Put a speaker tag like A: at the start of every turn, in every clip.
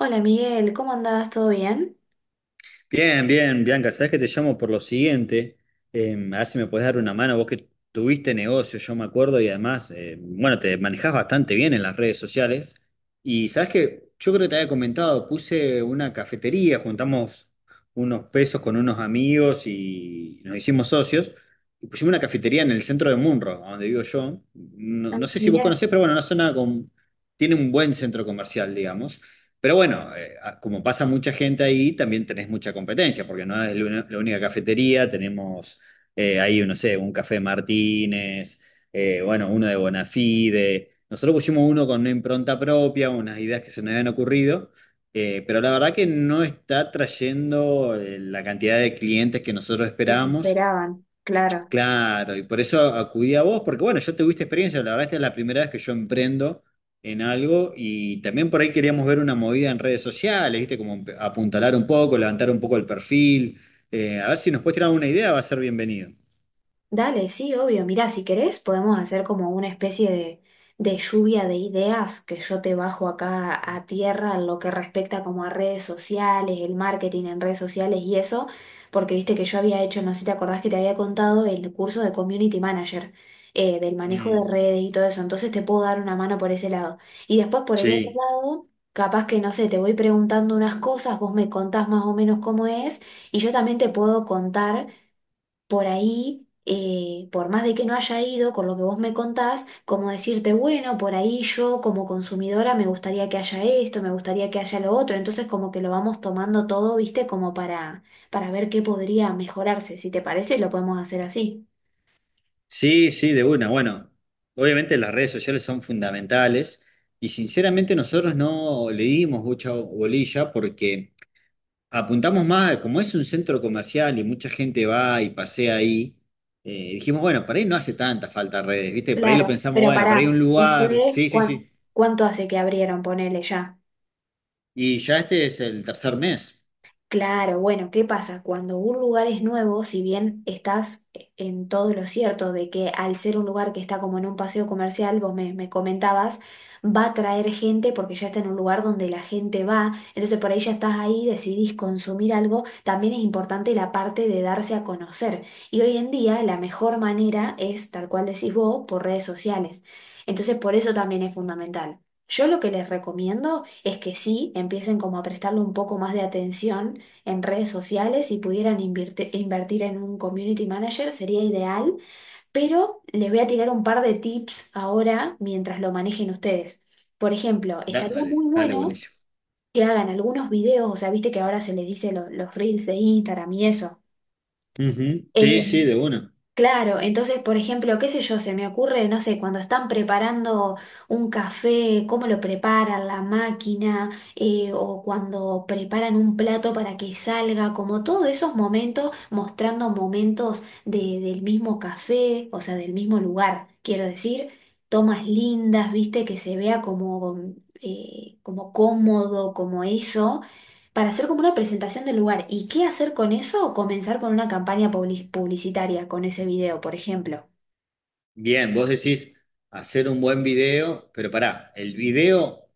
A: Hola Miguel, ¿cómo andabas? ¿Todo bien?
B: Bien, bien, Bianca, sabes que te llamo por lo siguiente. A ver si me puedes dar una mano, vos que tuviste negocio, yo me acuerdo, y además, bueno, te manejás bastante bien en las redes sociales, y sabes que yo creo que te había comentado, puse una cafetería, juntamos unos pesos con unos amigos y nos hicimos socios, y pusimos una cafetería en el centro de Munro, a donde vivo yo. no,
A: Ah,
B: no sé si vos
A: mirá,
B: conocés, pero bueno, una zona con, tiene un buen centro comercial, digamos. Pero bueno, como pasa mucha gente ahí, también tenés mucha competencia, porque no es la la única cafetería, tenemos ahí, no sé, un café Martínez, bueno, uno de Bonafide. Nosotros pusimos uno con una impronta propia, unas ideas que se nos habían ocurrido, pero la verdad que no está trayendo la cantidad de clientes que nosotros esperábamos.
A: desesperaban, claro.
B: Claro, y por eso acudí a vos, porque bueno, yo tuviste experiencia, la verdad esta es la primera vez que yo emprendo en algo, y también por ahí queríamos ver una movida en redes sociales, ¿viste? Como apuntalar un poco, levantar un poco el perfil, a ver si nos puedes tirar una idea, va a ser bienvenido.
A: Dale, sí, obvio. Mirá, si querés, podemos hacer como una especie de lluvia de ideas que yo te bajo acá a tierra en lo que respecta como a redes sociales, el marketing en redes sociales y eso, porque viste que yo había hecho, no sé si te acordás que te había contado el curso de Community Manager, del manejo de
B: Mm,
A: redes y todo eso, entonces te puedo dar una mano por ese lado. Y después por el otro
B: sí,
A: lado, capaz que, no sé, te voy preguntando unas cosas, vos me contás más o menos cómo es, y yo también te puedo contar por ahí, por más de que no haya ido, con lo que vos me contás, como decirte, bueno, por ahí yo como consumidora me gustaría que haya esto, me gustaría que haya lo otro, entonces como que lo vamos tomando todo, viste, como para ver qué podría mejorarse. Si te parece, lo podemos hacer así.
B: sí, sí, de una. Bueno, obviamente las redes sociales son fundamentales y sinceramente nosotros no le dimos mucha bolilla porque apuntamos más, como es un centro comercial y mucha gente va y pasea ahí, dijimos, bueno, por ahí no hace tanta falta redes, ¿viste? Por ahí lo
A: Claro,
B: pensamos,
A: pero
B: bueno, por ahí
A: pará,
B: un lugar,
A: ¿ustedes
B: sí, sí,
A: cuán-
B: sí.
A: cuánto hace que abrieron, ponele ya?
B: Y ya este es el tercer mes.
A: Claro, bueno, ¿qué pasa? Cuando un lugar es nuevo, si bien estás en todo lo cierto de que al ser un lugar que está como en un paseo comercial, vos me comentabas, va a traer gente porque ya está en un lugar donde la gente va, entonces por ahí ya estás ahí, decidís consumir algo, también es importante la parte de darse a conocer. Y hoy en día la mejor manera es, tal cual decís vos, por redes sociales. Entonces por eso también es fundamental. Yo lo que les recomiendo es que sí empiecen como a prestarle un poco más de atención en redes sociales, si pudieran invertir en un community manager sería ideal, pero les voy a tirar un par de tips ahora mientras lo manejen ustedes. Por ejemplo, estaría muy
B: Dale, dale,
A: bueno
B: buenísimo.
A: que hagan algunos videos, o sea, viste que ahora se les dice los reels de Instagram y eso.
B: Ujú.
A: Eh,
B: Sí, sí, de una.
A: Claro, entonces, por ejemplo, qué sé yo, se me ocurre, no sé, cuando están preparando un café, cómo lo preparan la máquina, o cuando preparan un plato para que salga, como todos esos momentos, mostrando momentos del mismo café, o sea, del mismo lugar, quiero decir, tomas lindas, viste, que se vea como, como cómodo, como eso para hacer como una presentación del lugar. ¿Y qué hacer con eso? O comenzar con una campaña publicitaria, con ese video, por ejemplo.
B: Bien, vos decís hacer un buen video, pero pará, el video.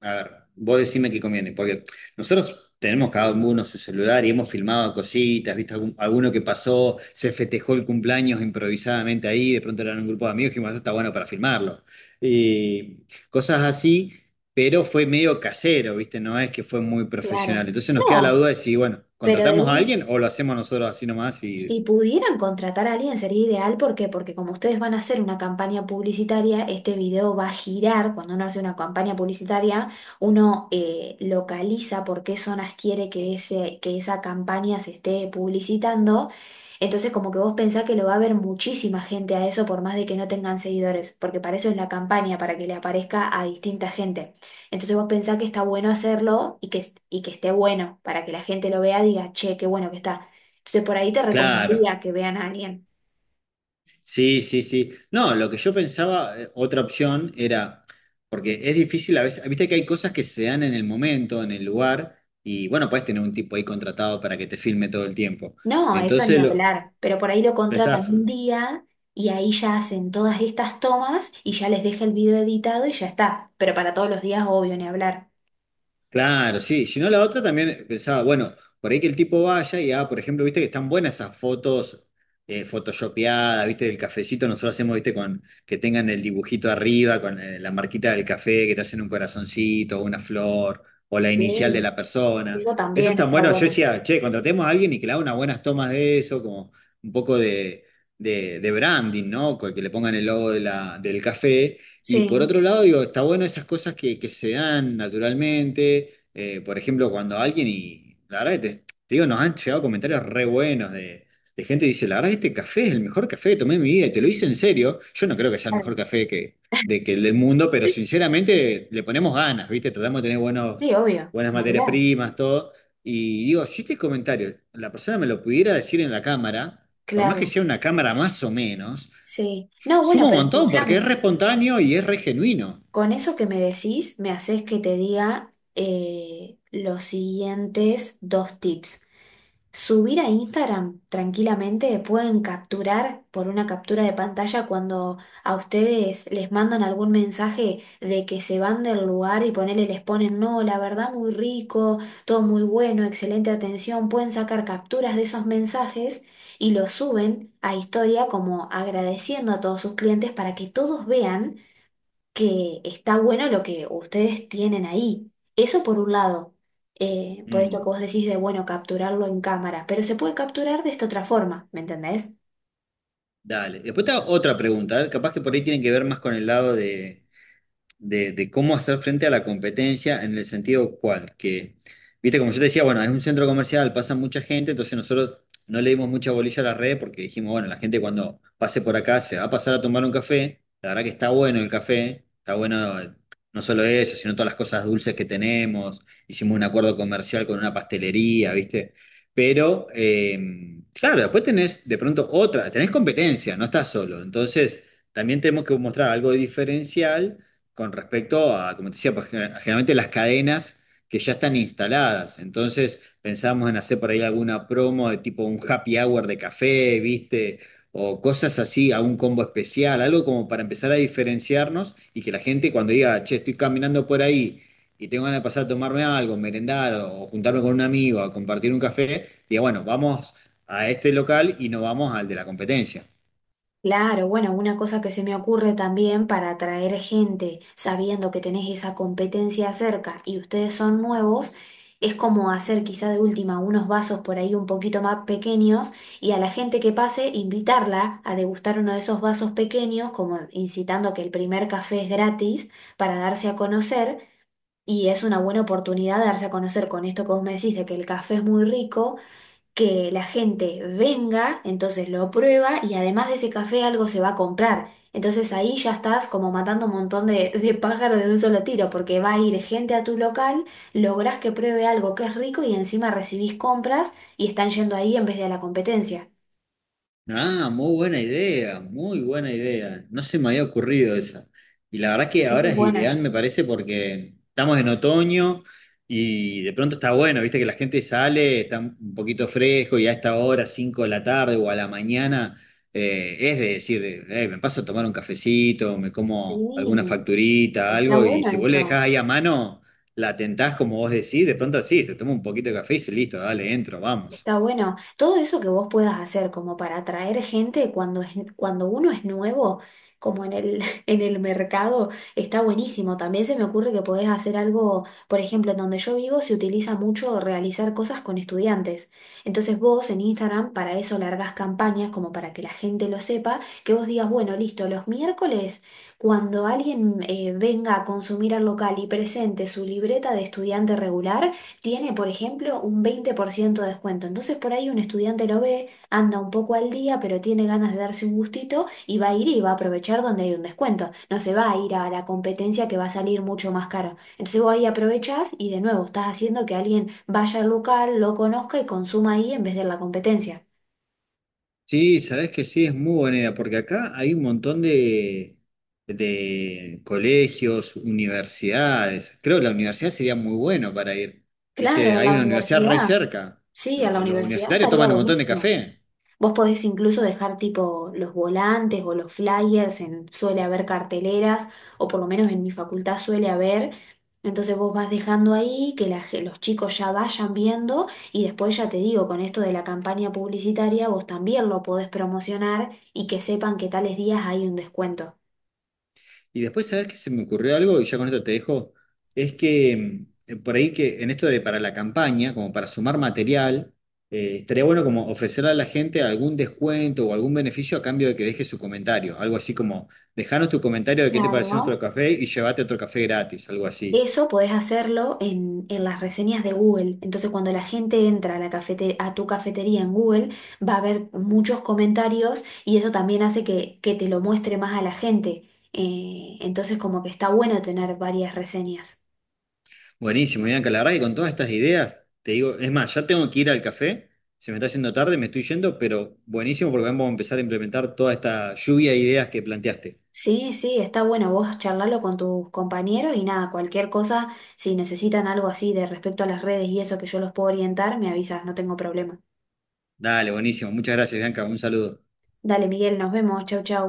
B: A ver, vos decime qué conviene, porque nosotros tenemos cada uno su celular y hemos filmado cositas, viste alguno que pasó, se festejó el cumpleaños improvisadamente ahí, de pronto eran un grupo de amigos y dijimos, eso está bueno para filmarlo. Y cosas así, pero fue medio casero, viste, no es que fue muy profesional.
A: Claro.
B: Entonces nos queda la
A: No,
B: duda de si, bueno,
A: pero de
B: contratamos a
A: un...
B: alguien o lo hacemos nosotros así nomás y
A: Si pudieran contratar a alguien sería ideal, ¿por qué? Porque como ustedes van a hacer una campaña publicitaria, este video va a girar. Cuando uno hace una campaña publicitaria, uno localiza por qué zonas quiere que, ese, que esa campaña se esté publicitando. Entonces como que vos pensás que lo va a ver muchísima gente a eso por más de que no tengan seguidores, porque para eso es la campaña, para que le aparezca a distinta gente. Entonces vos pensás que está bueno hacerlo y que esté bueno, para que la gente lo vea y diga, che, qué bueno que está. Entonces por ahí te
B: claro.
A: recomendaría que vean a alguien.
B: Sí, sí, sí. No, lo que yo pensaba, otra opción era, porque es difícil a veces, viste que hay cosas que se dan en el momento, en el lugar, y bueno, puedes tener un tipo ahí contratado para que te filme todo el tiempo.
A: No, eso ni
B: Entonces, lo,
A: hablar, pero por ahí lo contratan
B: pensaba,
A: un día y ahí ya hacen todas estas tomas y ya les deja el video editado y ya está. Pero para todos los días, obvio, ni hablar.
B: claro, sí. Si no, la otra también pensaba, bueno, por ahí que el tipo vaya y haga, por ejemplo, viste que están buenas esas fotos photoshopeadas, viste, del cafecito. Nosotros hacemos, viste, con que tengan el dibujito arriba, con la marquita del café, que te hacen un corazoncito, una flor, o la
A: Sí,
B: inicial de la persona.
A: eso
B: Eso es
A: también
B: tan
A: está
B: bueno. Yo
A: bueno.
B: decía, che, contratemos a alguien y que le haga unas buenas tomas de eso, como un poco de branding, ¿no? Que le pongan el logo de la, del café, y por
A: Sí,
B: otro lado, digo, está bueno esas cosas que se dan naturalmente. Por ejemplo, cuando alguien, y la verdad que te digo, nos han llegado comentarios re buenos de gente que dice, la verdad que este café es el mejor café que tomé en mi vida, y te lo hice en serio. Yo no creo que sea el mejor
A: claro.
B: café que, de, que el del mundo, pero sinceramente le ponemos ganas, ¿viste? Tratamos de tener buenos,
A: Sí, obvio,
B: buenas
A: ni
B: materias
A: hablar,
B: primas, todo. Y digo, si este comentario la persona me lo pudiera decir en la cámara, por más que
A: claro,
B: sea una cámara más o menos,
A: sí. No, bueno,
B: suma un
A: pero
B: montón porque es
A: escúchame,
B: re espontáneo y es re genuino.
A: con eso que me decís, me haces que te diga los siguientes dos tips. Subir a Instagram tranquilamente, pueden capturar por una captura de pantalla cuando a ustedes les mandan algún mensaje de que se van del lugar y ponele, les ponen, no, la verdad muy rico, todo muy bueno, excelente atención, pueden sacar capturas de esos mensajes y los suben a historia como agradeciendo a todos sus clientes para que todos vean que está bueno lo que ustedes tienen ahí. Eso por un lado, por esto que
B: Mm.
A: vos decís de, bueno, capturarlo en cámara, pero se puede capturar de esta otra forma, ¿me entendés?
B: Dale. Después te hago otra pregunta, a ver, capaz que por ahí tienen que ver más con el lado de cómo hacer frente a la competencia en el sentido cual, que, viste, como yo te decía, bueno, es un centro comercial, pasa mucha gente, entonces nosotros no le dimos mucha bolilla a la red porque dijimos, bueno, la gente cuando pase por acá se va a pasar a tomar un café, la verdad que está bueno el café, está bueno, no solo eso, sino todas las cosas dulces que tenemos, hicimos un acuerdo comercial con una pastelería, viste. Pero, claro, después tenés de pronto otra, tenés competencia, no estás solo. Entonces, también tenemos que mostrar algo diferencial con respecto a, como te decía, pues, generalmente las cadenas que ya están instaladas. Entonces pensamos en hacer por ahí alguna promo de tipo un happy hour de café, ¿viste? O cosas así, a un combo especial, algo como para empezar a diferenciarnos y que la gente cuando diga, che, estoy caminando por ahí y tengo ganas de pasar a tomarme algo, merendar o juntarme con un amigo a compartir un café, diga, bueno, vamos a este local y no vamos al de la competencia.
A: Claro, bueno, una cosa que se me ocurre también para atraer gente, sabiendo que tenés esa competencia cerca y ustedes son nuevos, es como hacer quizá de última unos vasos por ahí un poquito más pequeños y a la gente que pase invitarla a degustar uno de esos vasos pequeños, como incitando que el primer café es gratis para darse a conocer y es una buena oportunidad de darse a conocer con esto que vos me decís de que el café es muy rico, que la gente venga, entonces lo prueba y además de ese café algo se va a comprar. Entonces ahí ya estás como matando un montón de, de pájaros de un solo tiro, porque va a ir gente a tu local, lográs que pruebe algo que es rico y encima recibís compras y están yendo ahí en vez de a la competencia.
B: Ah, muy buena idea, muy buena idea. No se me había ocurrido esa. Y la verdad que
A: Eso
B: ahora
A: es
B: es
A: buena.
B: ideal, me parece, porque estamos en otoño y de pronto está bueno, viste que la gente sale, está un poquito fresco, y a esta hora, 5 de la tarde o a la mañana, es de decir, me paso a tomar un cafecito, me como alguna
A: Sí,
B: facturita,
A: está
B: algo, y
A: bueno
B: si vos le
A: eso.
B: dejás ahí a mano, la tentás como vos decís, de pronto sí, se toma un poquito de café y dice, listo, dale, entro, vamos.
A: Está bueno. Todo eso que vos puedas hacer como para atraer gente cuando es, cuando uno es nuevo, como en el, en el mercado, está buenísimo. También se me ocurre que podés hacer algo, por ejemplo, en donde yo vivo se utiliza mucho realizar cosas con estudiantes. Entonces vos en Instagram para eso largas campañas como para que la gente lo sepa, que vos digas, bueno, listo, los miércoles cuando alguien venga a consumir al local y presente su libreta de estudiante regular, tiene, por ejemplo, un 20% de descuento. Entonces por ahí un estudiante lo ve, anda un poco al día, pero tiene ganas de darse un gustito y va a ir y va a aprovechar donde hay un descuento. No se va a ir a la competencia que va a salir mucho más caro. Entonces vos ahí aprovechás y de nuevo estás haciendo que alguien vaya al local, lo conozca y consuma ahí en vez de en la competencia.
B: Sí, sabes que sí, es muy buena idea, porque acá hay un montón de colegios, universidades. Creo que la universidad sería muy bueno para ir.
A: Claro,
B: Viste,
A: a
B: hay
A: la
B: una universidad re
A: universidad.
B: cerca.
A: Sí, a la
B: Los,
A: universidad
B: universitarios
A: estaría
B: toman un montón de
A: buenísimo.
B: café.
A: Vos podés incluso dejar tipo los volantes o los flyers, en, suele haber carteleras, o por lo menos en mi facultad suele haber. Entonces vos vas dejando ahí que los chicos ya vayan viendo y después ya te digo, con esto de la campaña publicitaria, vos también lo podés promocionar y que sepan que tales días hay un descuento.
B: Y después, ¿sabes qué se me ocurrió algo? Y ya con esto te dejo. Es que por ahí que en esto de para la campaña, como para sumar material, estaría bueno como ofrecerle a la gente algún descuento o algún beneficio a cambio de que deje su comentario. Algo así como, dejanos tu comentario de qué te pareció nuestro
A: Claro.
B: café y llévate otro café gratis, algo así.
A: Eso podés hacerlo en las reseñas de Google. Entonces, cuando la gente entra a, a tu cafetería en Google, va a haber muchos comentarios y eso también hace que te lo muestre más a la gente. Entonces, como que está bueno tener varias reseñas.
B: Buenísimo, Bianca, la verdad que con todas estas ideas, te digo, es más, ya tengo que ir al café, se me está haciendo tarde, me estoy yendo, pero buenísimo porque vamos a empezar a implementar toda esta lluvia de ideas que planteaste.
A: Sí, sí, está bueno vos charlarlo con tus compañeros y nada, cualquier cosa, si necesitan algo así de respecto a las redes y eso que yo los puedo orientar, me avisas, no tengo problema.
B: Dale, buenísimo. Muchas gracias, Bianca. Un saludo.
A: Dale, Miguel, nos vemos, chau, chau.